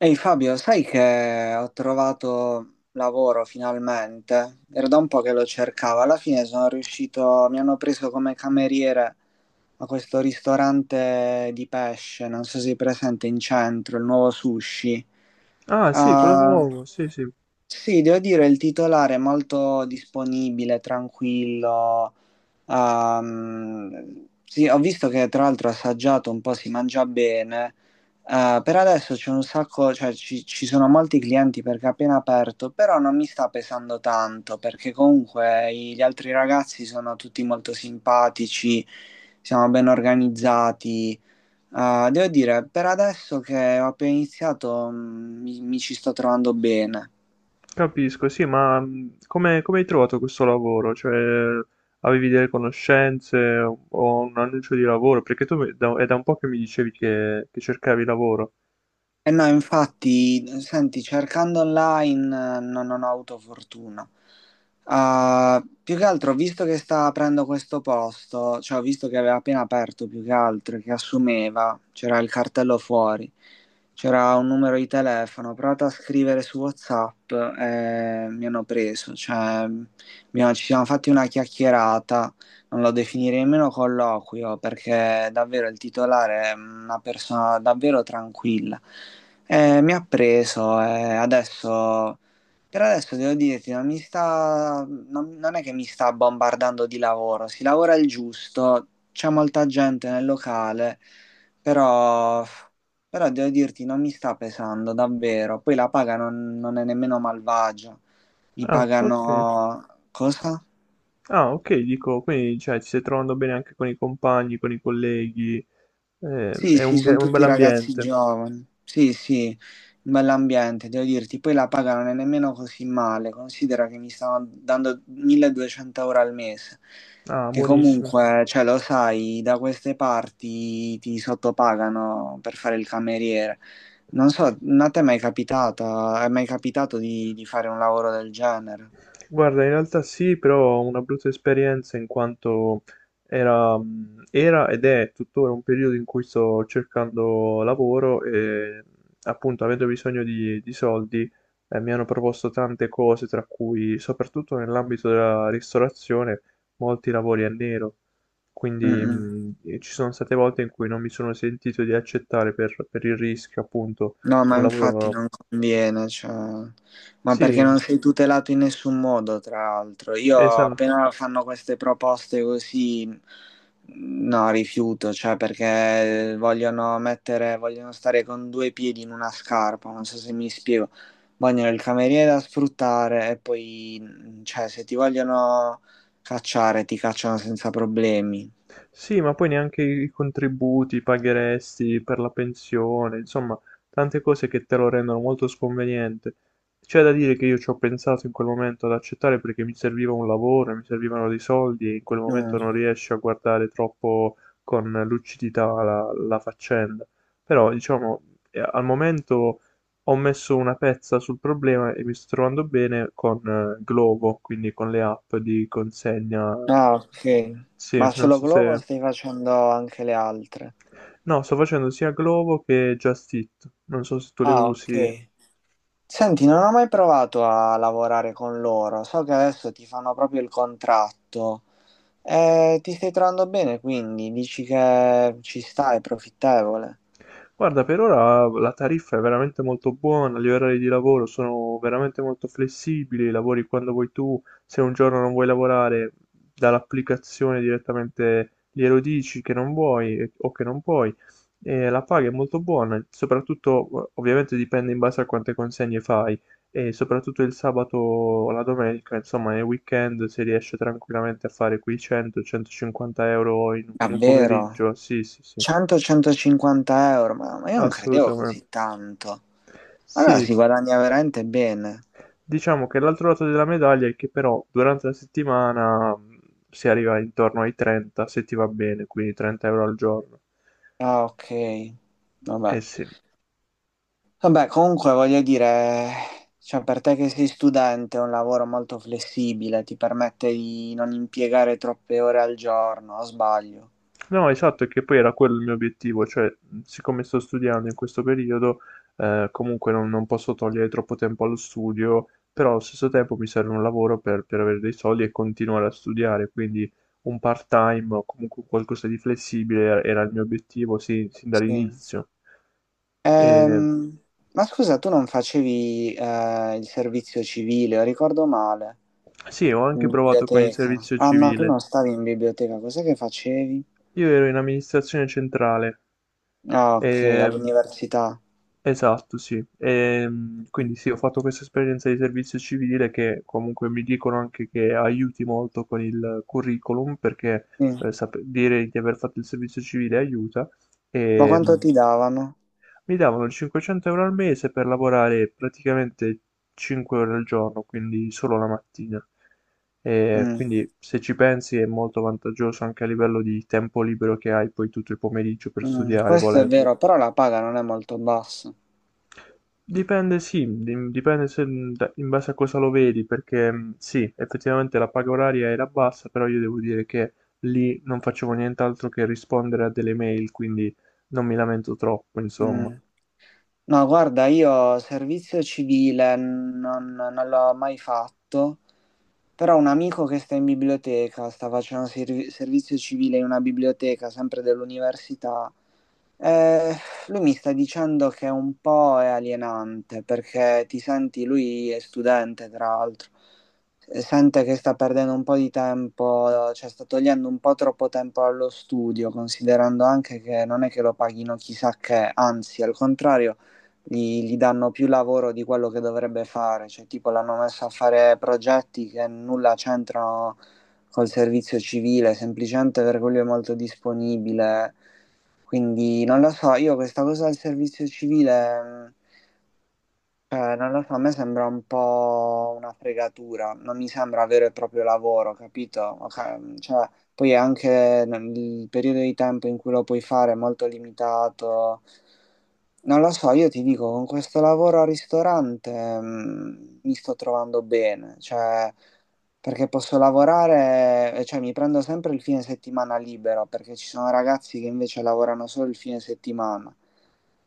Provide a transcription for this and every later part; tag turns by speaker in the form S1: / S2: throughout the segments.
S1: Ehi Fabio, sai che ho trovato lavoro finalmente? Era da un po' che lo cercavo. Alla fine sono riuscito, mi hanno preso come cameriere a questo ristorante di pesce, non so se è presente in centro, il nuovo sushi.
S2: Ah, sì, quello
S1: Ah,
S2: nuovo, sì, sì,
S1: sì, devo dire, il titolare è molto disponibile, tranquillo. Ah, sì, ho visto che tra l'altro assaggiato un po' si mangia bene. Per adesso c'è un sacco, cioè ci sono molti clienti perché è appena aperto, però non mi sta pesando tanto perché comunque gli altri ragazzi sono tutti molto simpatici, siamo ben organizzati. Devo dire, per adesso che ho appena iniziato, mi ci sto trovando bene.
S2: capisco, sì, ma come hai trovato questo lavoro? Cioè, avevi delle conoscenze o un annuncio di lavoro? Perché è da un po' che mi dicevi che cercavi lavoro.
S1: Eh no, infatti, senti, cercando online non ho avuto fortuna. Ah, più che altro, visto che sta aprendo questo posto, cioè ho visto che aveva appena aperto più che altro, e che assumeva, c'era il cartello fuori, c'era un numero di telefono, ho provato a scrivere su WhatsApp e mi hanno preso, cioè ci siamo fatti una chiacchierata, lo definirei meno colloquio perché davvero il titolare è una persona davvero tranquilla. Mi ha preso e adesso devo dirti, non è che mi sta bombardando di lavoro, si lavora il giusto, c'è molta gente nel locale, però, però devo dirti, non mi sta pesando davvero. Poi la paga non è nemmeno malvagia, mi
S2: Ah, ok.
S1: pagano cosa?
S2: Ah, ok, dico, quindi, cioè, ti stai trovando bene anche con i compagni, con i colleghi,
S1: Sì,
S2: è
S1: sì,
S2: un,
S1: sono
S2: bel
S1: tutti ragazzi
S2: ambiente.
S1: giovani. Sì, sì, un bell'ambiente, devo dirti. Poi la paga non è nemmeno così male. Considera che mi stanno dando 1200 euro al mese.
S2: Ah,
S1: Che
S2: buonissimo.
S1: comunque, cioè, lo sai, da queste parti ti sottopagano per fare il cameriere. Non so, a te è mai capitata, è mai capitato di fare un lavoro del genere?
S2: Guarda, in realtà sì, però ho una brutta esperienza in quanto era, era ed è tuttora un periodo in cui sto cercando lavoro e appunto avendo bisogno di soldi mi hanno proposto tante cose, tra cui soprattutto nell'ambito della ristorazione molti lavori a nero.
S1: Mm,
S2: Quindi
S1: mm.
S2: e ci sono state volte in cui non mi sono sentito di accettare per il rischio, appunto,
S1: No, ma
S2: un
S1: infatti
S2: lavoro...
S1: non conviene, cioè, ma perché
S2: Sì,
S1: non sei tutelato in nessun modo, tra l'altro. Io
S2: esatto.
S1: appena fanno queste proposte così, no, rifiuto, cioè, perché vogliono mettere, vogliono stare con due piedi in una scarpa, non so se mi spiego. Vogliono il cameriere da sfruttare e poi, cioè, se ti vogliono cacciare, ti cacciano senza problemi.
S2: Sì, ma poi neanche i contributi i pagheresti per la pensione, insomma, tante cose che te lo rendono molto sconveniente. C'è da dire che io ci ho pensato in quel momento ad accettare perché mi serviva un lavoro, mi servivano dei soldi e in quel momento
S1: Mm.
S2: non riesci a guardare troppo con lucidità la faccenda. Però, diciamo, al momento ho messo una pezza sul problema e mi sto trovando bene con Glovo, quindi con le app di consegna
S1: Ah, ok.
S2: sì,
S1: Ma
S2: non
S1: solo
S2: so
S1: Glovo
S2: se...
S1: stai facendo anche le altre?
S2: No, sto facendo sia Glovo che Just Eat. Non so se tu le
S1: Ah,
S2: usi.
S1: ok. Senti, non ho mai provato a lavorare con loro. So che adesso ti fanno proprio il contratto. Ti stai trovando bene, quindi dici che ci sta, è profittevole.
S2: Guarda, per ora la tariffa è veramente molto buona, gli orari di lavoro sono veramente molto flessibili, lavori quando vuoi tu, se un giorno non vuoi lavorare, dall'applicazione direttamente glielo dici che non vuoi o che non puoi, e la paga è molto buona, soprattutto ovviamente dipende in base a quante consegne fai, e soprattutto il sabato o la domenica, insomma nel weekend si riesce tranquillamente a fare quei 100-150 euro in un
S1: Davvero?
S2: pomeriggio, sì sì sì,
S1: 100-150 euro, ma io non credevo
S2: assolutamente.
S1: così tanto. Allora si
S2: Sì,
S1: guadagna veramente bene.
S2: diciamo che l'altro lato della medaglia è che però durante la settimana si arriva intorno ai 30 se ti va bene, quindi 30 euro al giorno.
S1: Ah, ok. Vabbè.
S2: Eh sì.
S1: Vabbè, comunque voglio dire, cioè per te che sei studente è un lavoro molto flessibile, ti permette di non impiegare troppe ore al giorno, o sbaglio?
S2: No, esatto, e che poi era quello il mio obiettivo, cioè siccome sto studiando in questo periodo, comunque non posso togliere troppo tempo allo studio, però allo stesso tempo mi serve un lavoro per avere dei soldi e continuare a studiare, quindi un part-time o comunque qualcosa di flessibile era il mio obiettivo sin
S1: Sì.
S2: dall'inizio. E,
S1: Ehm, ma scusa, tu non facevi il servizio civile, o ricordo male,
S2: sì, ho
S1: in
S2: anche provato con il
S1: biblioteca.
S2: servizio
S1: Ah no, tu
S2: civile.
S1: non stavi in biblioteca, cos'è che facevi?
S2: Io ero in amministrazione centrale,
S1: Ah, ok,
S2: ehm,
S1: all'università.
S2: esatto, sì. Quindi sì, ho fatto questa esperienza di servizio civile che comunque mi dicono anche che aiuti molto con il curriculum perché
S1: Sì.
S2: dire di aver fatto il servizio civile aiuta.
S1: Ma
S2: E,
S1: quanto ti davano?
S2: mi davano 500 euro al mese per lavorare praticamente 5 ore al giorno, quindi solo la mattina. E
S1: Mm,
S2: quindi se ci pensi è molto vantaggioso anche a livello di tempo libero che hai poi tutto il pomeriggio per
S1: mm.
S2: studiare,
S1: Questo è
S2: volendo.
S1: vero, però la paga non è molto bassa.
S2: Dipende, sì, di- dipende se da- in base a cosa lo vedi, perché sì, effettivamente la paga oraria era bassa, però io devo dire che lì non facevo nient'altro che rispondere a delle mail, quindi non mi lamento troppo, insomma.
S1: Mm. No, guarda, io servizio civile non l'ho mai fatto, però un amico che sta in biblioteca, sta facendo servizio civile in una biblioteca, sempre dell'università, eh, lui mi sta dicendo che un po' è alienante, perché ti senti, lui è studente, tra l'altro, sente che sta perdendo un po' di tempo, cioè sta togliendo un po' troppo tempo allo studio, considerando anche che non è che lo paghino chissà che, anzi, al contrario gli danno più lavoro di quello che dovrebbe fare, cioè tipo l'hanno messo a fare progetti che nulla c'entrano col servizio civile, semplicemente perché lui è molto disponibile. Quindi non lo so, io questa cosa del servizio civile non lo so, a me sembra un po' una fregatura, non mi sembra vero e proprio lavoro, capito? Ok. Cioè, poi è anche il periodo di tempo in cui lo puoi fare è molto limitato. Non lo so, io ti dico, con questo lavoro al ristorante, mi sto trovando bene, cioè, perché posso lavorare, cioè mi prendo sempre il fine settimana libero, perché ci sono ragazzi che invece lavorano solo il fine settimana.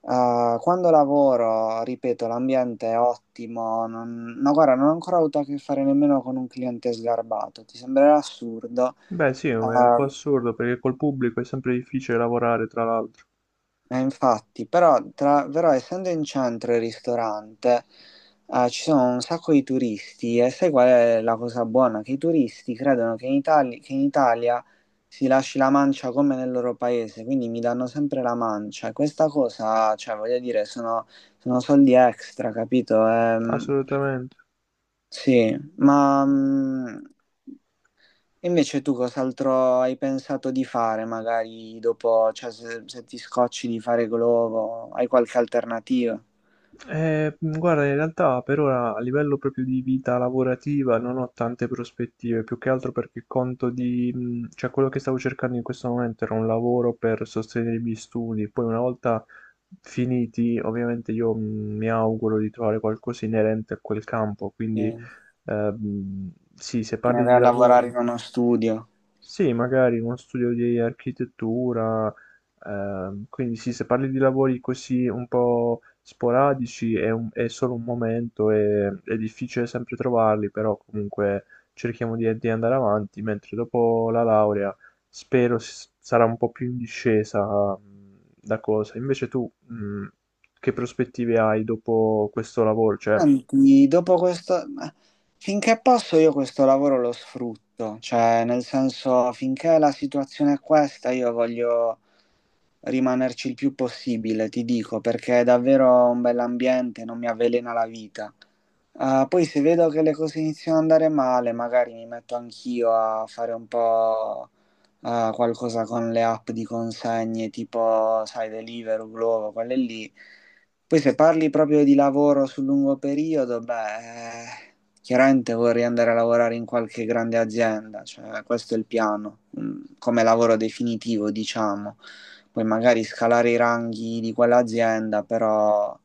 S1: Quando lavoro, ripeto, l'ambiente è ottimo. No, guarda, non ho ancora avuto a che fare nemmeno con un cliente sgarbato. Ti sembrerà assurdo.
S2: Beh, sì, è un po'
S1: Uh,
S2: assurdo perché col pubblico è sempre difficile lavorare, tra l'altro.
S1: Infatti, però, però essendo in centro il ristorante, ci sono un sacco di turisti e sai qual è la cosa buona? Che i turisti credono che che in Italia si lasci la mancia come nel loro paese, quindi mi danno sempre la mancia. E questa cosa, cioè, voglio dire, sono soldi extra, capito?
S2: Assolutamente.
S1: Sì. E invece tu cos'altro hai pensato di fare, magari dopo, cioè se ti scocci di fare globo, hai qualche alternativa?
S2: Guarda, in realtà per ora a livello proprio di vita lavorativa non ho tante prospettive, più che altro perché conto di... cioè quello che stavo cercando in questo momento era un lavoro per sostenere i miei studi, poi una volta finiti, ovviamente io mi auguro di trovare qualcosa inerente a quel campo, quindi
S1: Sì.
S2: sì, se
S1: Te ne
S2: parli
S1: vai
S2: di
S1: a lavorare
S2: lavori...
S1: in uno studio.
S2: Sì, magari in uno studio di architettura, quindi sì, se parli di lavori così un po' sporadici è solo un momento e è difficile sempre trovarli, però comunque cerchiamo di andare avanti, mentre dopo la laurea spero sarà un po' più in discesa da cosa. Invece tu, che prospettive hai dopo questo lavoro? Cioè,
S1: Senti, dopo questo, ma finché posso io questo lavoro lo sfrutto, cioè nel senso finché la situazione è questa io voglio rimanerci il più possibile, ti dico, perché è davvero un bell'ambiente, non mi avvelena la vita. Ah, poi se vedo che le cose iniziano ad andare male, magari mi metto anch'io a fare un po' a qualcosa con le app di consegne tipo, sai, Deliveroo, Glovo, quelle lì. Poi se parli proprio di lavoro sul lungo periodo, beh, chiaramente vorrei andare a lavorare in qualche grande azienda, cioè questo è il piano, come lavoro definitivo, diciamo. Poi magari scalare i ranghi di quell'azienda, però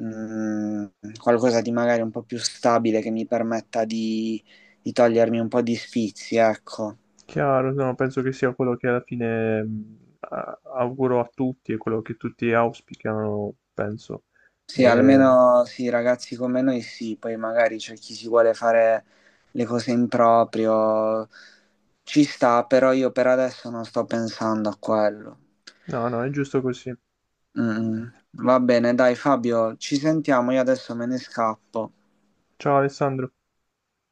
S1: mm, qualcosa di magari un po' più stabile che mi permetta di togliermi un po' di sfizi, ecco.
S2: chiaro, no, penso che sia quello che alla fine auguro a tutti e quello che tutti auspicano, penso.
S1: Sì,
S2: Eh,
S1: almeno sì, ragazzi come noi sì, poi magari c'è chi si vuole fare le cose in proprio, ci sta, però io per adesso non sto pensando a quello.
S2: no, no, è giusto così.
S1: Mm, mm. Va bene, dai Fabio, ci sentiamo, io adesso me ne scappo.
S2: Ciao Alessandro.